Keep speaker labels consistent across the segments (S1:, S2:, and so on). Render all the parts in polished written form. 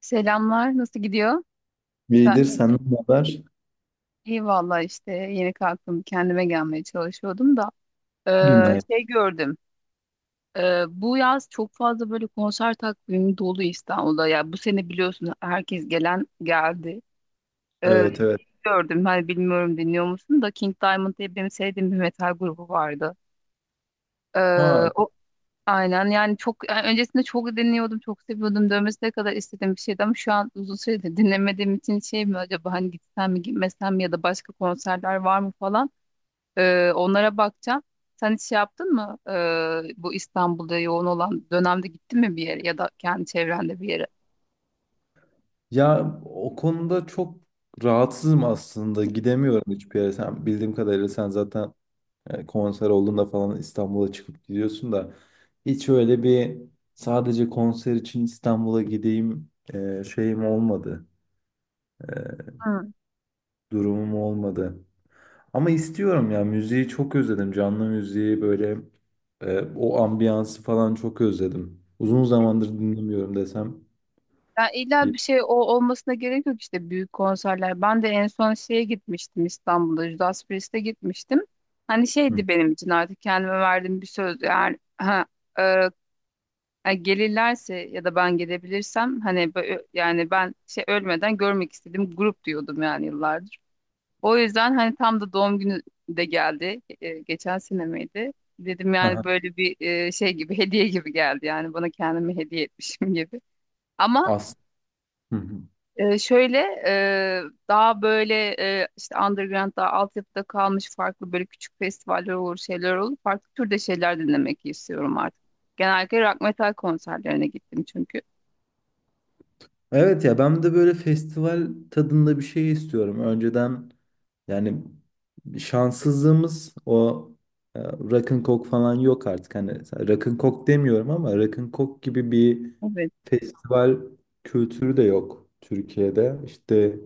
S1: Selamlar, nasıl gidiyor? Sen-
S2: İyidir, senden ne haber?
S1: İyi valla işte yeni kalktım, kendime gelmeye çalışıyordum da
S2: Günaydın.
S1: şey gördüm. Bu yaz çok fazla böyle konser takvimi dolu İstanbul'da. Ya bu sene biliyorsun herkes gelen geldi. Eee,
S2: Evet evet.
S1: gördüm, hani bilmiyorum dinliyor musun da King Diamond diye benim sevdiğim bir metal grubu vardı. Eee,
S2: Ha
S1: Aynen yani çok yani öncesinde çok dinliyordum, çok seviyordum, dövmesine kadar istediğim bir şeydi ama şu an uzun süredir dinlemediğim için şey mi acaba hani gitsem mi gitmesem mi ya da başka konserler var mı falan. Onlara bakacağım. Sen hiç şey yaptın mı? Bu İstanbul'da yoğun olan dönemde gittin mi bir yere ya da kendi çevrende bir yere?
S2: ya o konuda çok rahatsızım aslında. Gidemiyorum hiçbir yere. Sen bildiğim kadarıyla sen zaten konser olduğunda falan İstanbul'a çıkıp gidiyorsun da hiç öyle bir sadece konser için İstanbul'a gideyim şeyim olmadı. E, Durumum olmadı. Ama istiyorum ya müziği çok özledim. Canlı müziği böyle o ambiyansı falan çok özledim. Uzun zamandır dinlemiyorum desem.
S1: Ya illa bir şey o olmasına gerek yok, işte büyük konserler. Ben de en son şeye gitmiştim, İstanbul'da Judas Priest'e gitmiştim. Hani
S2: Hı.
S1: şeydi benim için artık kendime verdiğim bir söz. Yani e, ha, gelirlerse ya da ben gelebilirsem hani yani ben şey ölmeden görmek istediğim grup diyordum yani yıllardır. O yüzden hani tam da doğum günü de geldi. Geçen sene miydi? Dedim yani
S2: Aha,
S1: böyle bir şey gibi hediye gibi geldi yani, bana kendimi hediye etmişim gibi. Ama
S2: as. Hı hı.
S1: şöyle e, daha böyle işte underground, daha altyapıda kalmış farklı böyle küçük festivaller olur, şeyler olur. Farklı türde şeyler dinlemek istiyorum artık. Genellikle rock metal konserlerine gittim çünkü.
S2: Evet ya ben de böyle festival tadında bir şey istiyorum. Önceden yani şanssızlığımız o rock'n'cock falan yok artık. Hani rock'n'cock demiyorum ama rock'n'cock gibi bir
S1: Evet,
S2: festival kültürü de yok Türkiye'de. İşte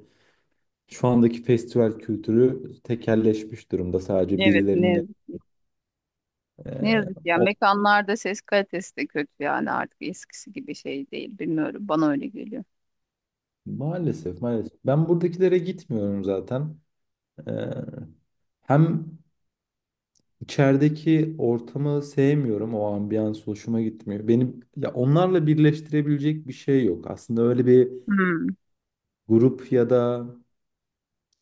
S2: şu andaki festival kültürü tekelleşmiş durumda. Sadece
S1: evet ne
S2: birilerinin
S1: yazık,
S2: e,
S1: ne yazık ya.
S2: o-
S1: Mekanlarda ses kalitesi de kötü yani, artık eskisi gibi şey değil bilmiyorum. Bana öyle geliyor.
S2: maalesef maalesef. Ben buradakilere gitmiyorum zaten. E, Hem İçerideki ortamı sevmiyorum. O ambiyans hoşuma gitmiyor. Benim ya onlarla birleştirebilecek bir şey yok. Aslında öyle bir
S1: Hmm,
S2: grup ya da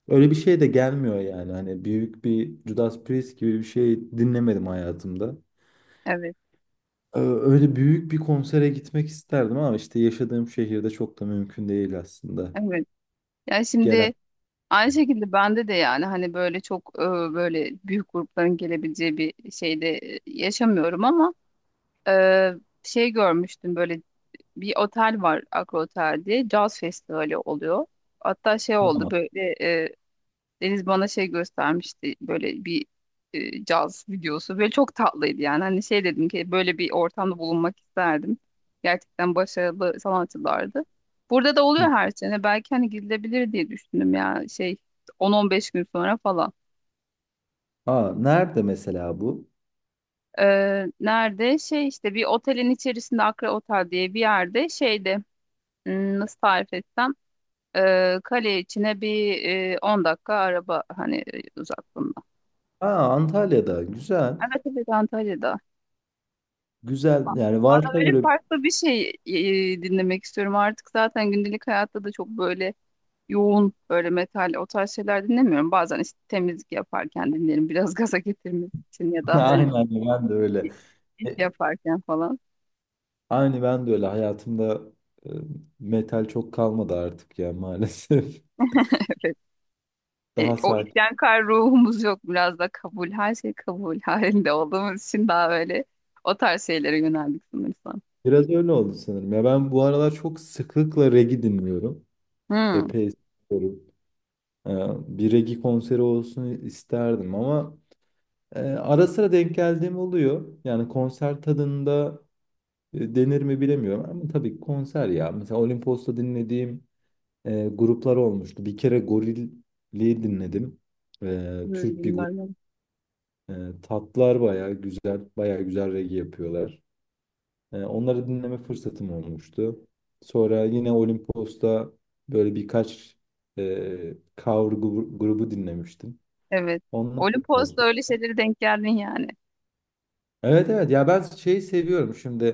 S2: öyle bir şey de gelmiyor yani. Hani büyük bir Judas Priest gibi bir şey dinlemedim hayatımda.
S1: evet,
S2: Öyle büyük bir konsere gitmek isterdim ama işte yaşadığım şehirde çok da mümkün değil aslında.
S1: evet. Yani
S2: Gelen
S1: şimdi aynı şekilde bende de yani hani böyle çok böyle büyük grupların gelebileceği bir şeyde yaşamıyorum ama Ee, şey görmüştüm, böyle bir otel var Akro Otel diye, caz festivali oluyor. Hatta şey oldu
S2: ama.
S1: böyle, e, Deniz bana şey göstermişti, böyle bir caz videosu. Böyle çok tatlıydı yani. Hani şey dedim ki böyle bir ortamda bulunmak isterdim. Gerçekten başarılı sanatçılardı. Burada da oluyor
S2: Hı.
S1: her sene. Belki hani gidilebilir diye düşündüm ya şey, 10-15 gün sonra falan.
S2: Aa, nerede mesela bu?
S1: Nerede? Şey işte bir otelin içerisinde, Akra Otel diye bir yerde, şeyde. Nasıl tarif etsem, kale içine bir 10 dakika araba hani uzaklığında.
S2: Aa, Antalya'da. Güzel.
S1: Evet evet, Antalya'da.
S2: Güzel. Yani
S1: Valla
S2: varsa
S1: böyle
S2: böyle.
S1: farklı bir şey dinlemek istiyorum artık, zaten gündelik hayatta da çok böyle yoğun, böyle metal, o tarz şeyler dinlemiyorum. Bazen işte temizlik yaparken dinlerim biraz gaza getirmek için ya da hani
S2: Aynen ben de öyle.
S1: iş
S2: E,
S1: yaparken falan.
S2: Aynı ben de öyle hayatımda e, metal çok kalmadı artık ya maalesef.
S1: Evet. E,
S2: Daha
S1: o
S2: sakin.
S1: isyankar ruhumuz yok. Biraz da kabul, her şey kabul halinde olduğumuz için daha böyle o tarz şeylere yöneldik sanırsam.
S2: Biraz öyle oldu sanırım. Ya ben bu aralar çok sıklıkla reggae dinliyorum.
S1: Hmm,
S2: Epey dinliyorum. E, Bir reggae konseri olsun isterdim ama ara sıra denk geldiğim oluyor. Yani konser tadında denir mi bilemiyorum ama tabii konser ya. Mesela Olimpos'ta dinlediğim gruplar olmuştu. Bir kere Gorilli'yi dinledim.
S1: Öyle
S2: Türk bir grup.
S1: bilmem.
S2: E, Tatlar bayağı güzel, bayağı güzel reggae yapıyorlar. Onları dinleme fırsatım olmuştu. Sonra yine Olimpos'ta böyle birkaç e, cover grubu dinlemiştim.
S1: Evet.
S2: Onlar da
S1: Olimpos'ta
S2: tatlı.
S1: öyle şeylere denk geldin yani.
S2: Evet evet ya ben şeyi seviyorum şimdi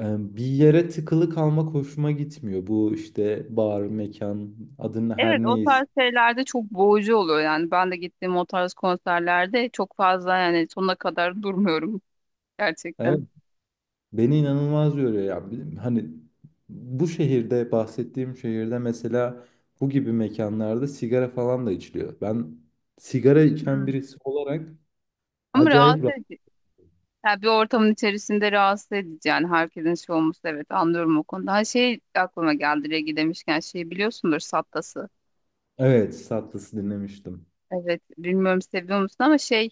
S2: bir yere tıkılı kalmak hoşuma gitmiyor. Bu işte bar, mekan adını her
S1: Evet, o
S2: neyse.
S1: tarz şeylerde çok boğucu oluyor yani. Ben de gittiğim o tarz konserlerde çok fazla yani sonuna kadar durmuyorum
S2: Evet,
S1: gerçekten.
S2: beni inanılmaz yoruyor ya. Hani bu şehirde bahsettiğim şehirde mesela bu gibi mekanlarda sigara falan da içiliyor. Ben sigara içen
S1: Hmm.
S2: birisi olarak
S1: Ama
S2: acayip
S1: rahatsız
S2: rahat.
S1: edici. Yani bir ortamın içerisinde rahatsız edici yani, herkesin şey olması, evet anlıyorum o konuda. Ha, şey aklıma geldi, Regi demişken şey biliyorsundur Sattas'ı.
S2: Evet, Sattas'ı dinlemiştim.
S1: Evet bilmiyorum seviyor musun ama şey,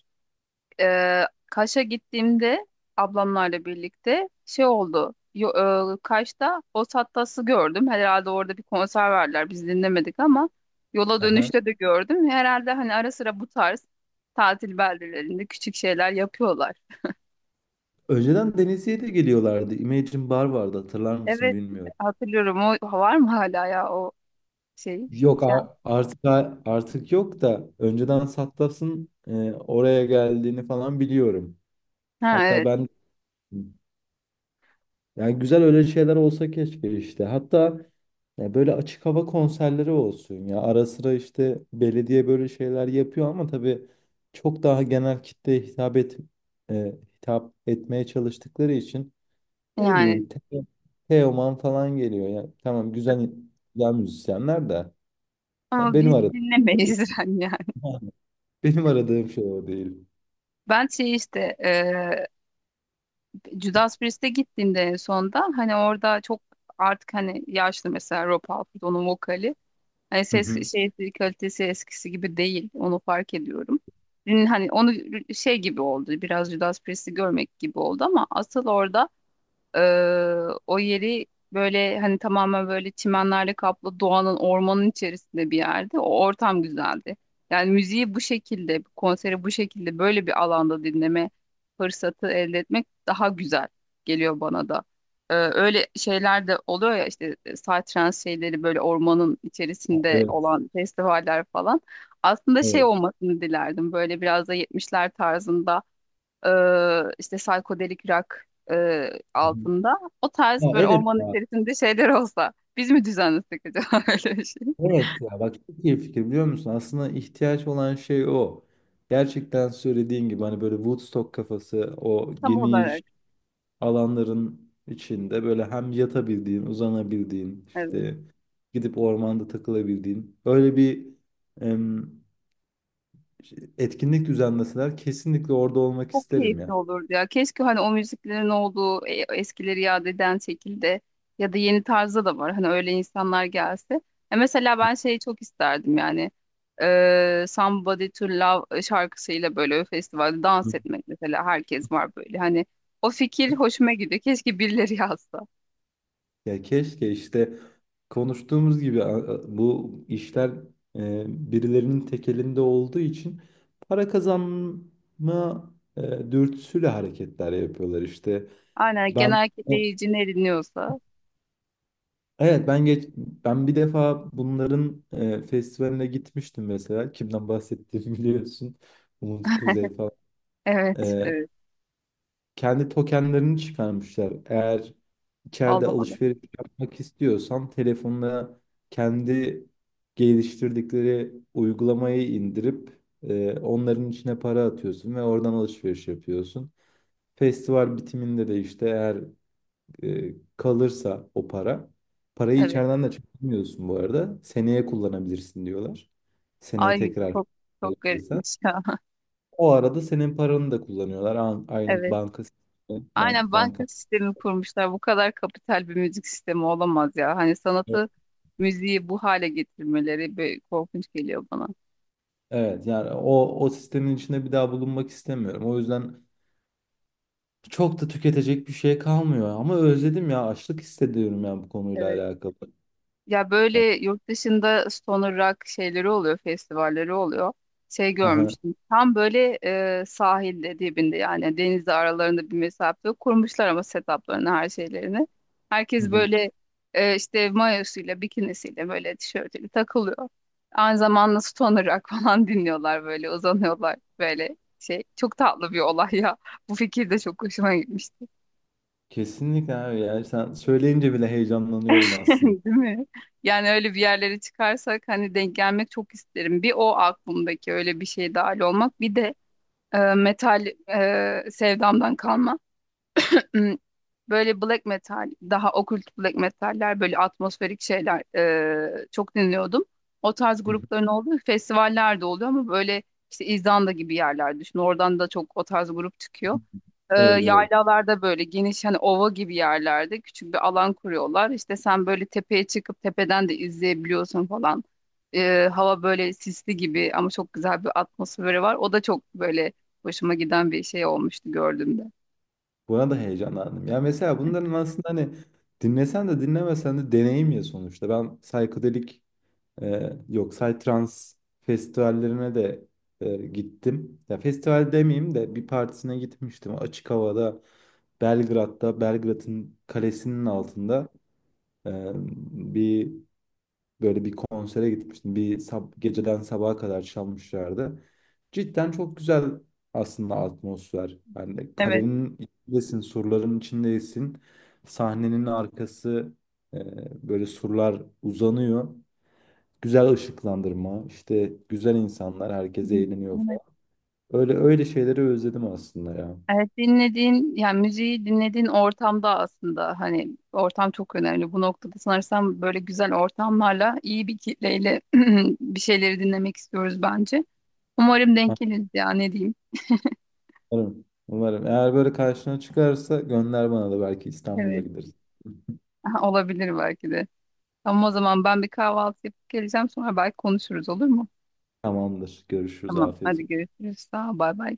S1: e, Kaş'a gittiğimde ablamlarla birlikte şey oldu. Yo, Kaş'ta Os gördüm. Herhalde orada bir konser verdiler. Biz dinlemedik ama yola
S2: Aha.
S1: dönüşte de gördüm. Herhalde hani ara sıra bu tarz tatil beldelerinde küçük şeyler yapıyorlar.
S2: Önceden Denizli'ye de geliyorlardı. Imagine Bar vardı hatırlar mısın
S1: Evet,
S2: bilmiyorum.
S1: hatırlıyorum. O var mı hala ya, o şey?
S2: Yok
S1: Yani,
S2: artık yok da önceden Sattas'ın oraya geldiğini falan biliyorum.
S1: ha
S2: Hatta
S1: evet
S2: ben yani güzel öyle şeyler olsa keşke işte. Hatta ya böyle açık hava konserleri olsun ya. Ara sıra işte belediye böyle şeyler yapıyor ama tabii çok daha genel kitleye hitap etmeye çalıştıkları için ne
S1: yani,
S2: bileyim Teoman falan geliyor ya. Tamam güzel güzel müzisyenler de ya
S1: ama
S2: benim
S1: biz
S2: aradığım şey o değil.
S1: dinlemeyiz yani.
S2: Benim aradığım şey o değil.
S1: Ben şey işte Judas Priest'e gittiğimde en sonda hani orada çok, artık hani yaşlı mesela, Rob Halford, onun vokali. Hani
S2: Hı hı.
S1: ses şey kalitesi eskisi gibi değil. Onu fark ediyorum. Hani onu şey gibi oldu. Biraz Judas Priest'i görmek gibi oldu ama asıl orada ee, o yeri, böyle hani tamamen böyle çimenlerle kaplı, doğanın, ormanın içerisinde bir yerde. O ortam güzeldi. Yani müziği bu şekilde, konseri bu şekilde böyle bir alanda dinleme fırsatı elde etmek daha güzel geliyor bana da. Öyle şeyler de oluyor ya, işte psytrance şeyleri, böyle ormanın içerisinde
S2: Evet,
S1: olan festivaller falan. Aslında şey
S2: evet.
S1: olmasını dilerdim, böyle biraz da 70'ler tarzında e, işte psikodelik rock
S2: Hı hı.
S1: altında. O tarz
S2: Ya
S1: böyle
S2: evet.
S1: ormanın içerisinde şeyler olsa, biz mi düzenlesek acaba öyle bir şey?
S2: Evet ya bak çok iyi fikir biliyor musun? Aslında ihtiyaç olan şey o. Gerçekten söylediğin gibi hani böyle Woodstock kafası o
S1: Tam olarak.
S2: geniş alanların içinde böyle hem yatabildiğin, uzanabildiğin,
S1: Evet.
S2: işte gidip ormanda takılabildiğin öyle bir em, şey, etkinlik düzenleseler kesinlikle orada olmak
S1: Çok
S2: isterim
S1: keyifli
S2: ya.
S1: olurdu ya. Keşke hani o müziklerin olduğu, eskileri yad eden şekilde ya da yeni tarzda da var. Hani öyle insanlar gelse. Mesela ben şeyi çok isterdim yani. Somebody to Love şarkısıyla böyle festivalde dans etmek mesela, herkes var böyle. Hani o fikir hoşuma gidiyor. Keşke birileri yazsa.
S2: Ya keşke işte konuştuğumuz gibi bu işler e, birilerinin tek elinde olduğu için para kazanma dürtüsüyle hareketler yapıyorlar işte.
S1: Aynen,
S2: Ben
S1: genel kitleyici ne dinliyorsa.
S2: evet ben geç ben bir defa bunların festivaline gitmiştim mesela. Kimden bahsettiğimi biliyorsun. Umut Kuzey falan.
S1: Evet,
S2: E,
S1: evet.
S2: Kendi tokenlerini çıkarmışlar. Eğer içeride
S1: Allah Allah.
S2: alışveriş yapmak istiyorsan telefonuna kendi geliştirdikleri uygulamayı indirip onların içine para atıyorsun ve oradan alışveriş yapıyorsun. Festival bitiminde de işte eğer kalırsa o para, parayı
S1: Evet.
S2: içeriden de çıkarmıyorsun bu arada. Seneye kullanabilirsin diyorlar. Seneye
S1: Ay
S2: tekrar
S1: çok çok
S2: kullanabilirsen.
S1: garipmiş ya.
S2: O arada senin paranı da kullanıyorlar. Aynı
S1: Evet.
S2: banka
S1: Aynen
S2: banka.
S1: banka sistemi kurmuşlar. Bu kadar kapital bir müzik sistemi olamaz ya. Hani sanatı, müziği bu hale getirmeleri böyle korkunç geliyor bana.
S2: Evet yani o sistemin içinde bir daha bulunmak istemiyorum. O yüzden çok da tüketecek bir şey kalmıyor ama özledim ya açlık hissediyorum ya bu konuyla
S1: Evet.
S2: alakalı.
S1: Ya böyle
S2: Yani,
S1: yurt dışında stoner rock şeyleri oluyor, festivalleri oluyor. Şey
S2: aha,
S1: görmüştüm. Tam böyle, sahilde dibinde yani, denizle aralarında bir mesafe yok. Kurmuşlar ama setuplarını, her şeylerini.
S2: hı
S1: Herkes
S2: hı.
S1: böyle işte mayosuyla, bikinisiyle, böyle tişörtüyle takılıyor. Aynı zamanda stoner rock falan dinliyorlar, böyle uzanıyorlar, böyle şey. Çok tatlı bir olay ya. Bu fikir de çok hoşuma gitmişti.
S2: Kesinlikle abi ya sen söyleyince bile heyecanlanıyorum aslında.
S1: Değil mi? Yani öyle bir yerlere çıkarsak hani denk gelmek çok isterim. Bir, o aklımdaki öyle bir şey, dahil olmak. Bir de metal sevdamdan kalma. Hmm, Böyle black metal, daha okült black metaller, böyle atmosferik şeyler çok dinliyordum. O tarz
S2: Hı hı.
S1: grupların olduğu festivaller de oluyor ama böyle işte İzlanda gibi yerler düşün. Oradan da çok o tarz grup çıkıyor,
S2: Evet evet.
S1: yaylalarda böyle geniş hani ova gibi yerlerde küçük bir alan kuruyorlar. İşte sen böyle tepeye çıkıp tepeden de izleyebiliyorsun falan. Hava böyle sisli gibi ama çok güzel bir atmosferi var. O da çok böyle hoşuma giden bir şey olmuştu gördüğümde.
S2: Buna da heyecanlandım. Ya mesela bunların aslında hani dinlesen de dinlemesen de deneyim ya sonuçta. Ben psikodelik yok Psytrance festivallerine de gittim. Ya festival demeyeyim de bir partisine gitmiştim. Açık havada Belgrad'da Belgrad'ın kalesinin altında e, bir böyle bir konsere gitmiştim. Bir geceden sabaha kadar çalmışlardı. Cidden çok güzel aslında atmosfer. Yani
S1: Evet.
S2: kalenin içindesin, surların içindesin. Sahnenin arkası e, böyle surlar uzanıyor. Güzel ışıklandırma, işte güzel insanlar, herkes
S1: Hı hı.
S2: eğleniyor
S1: Evet.
S2: falan. Öyle öyle şeyleri özledim aslında ya.
S1: Evet, dinlediğin yani müziği dinlediğin ortamda aslında hani ortam çok önemli. Bu noktada sanırsam böyle güzel ortamlarla, iyi bir kitleyle bir şeyleri dinlemek istiyoruz bence. Umarım denk
S2: Ha,
S1: geliriz ya, ne diyeyim.
S2: umarım. Umarım. Eğer böyle karşına çıkarsa gönder bana da belki İstanbul'a
S1: Evet.
S2: gideriz.
S1: Olabilir belki de. Ama o zaman ben bir kahvaltı yapıp geleceğim, sonra belki konuşuruz, olur mu?
S2: Tamamdır. Görüşürüz.
S1: Tamam.
S2: Afiyet
S1: Hadi
S2: olsun.
S1: görüşürüz. Sağ ol. Bay bay.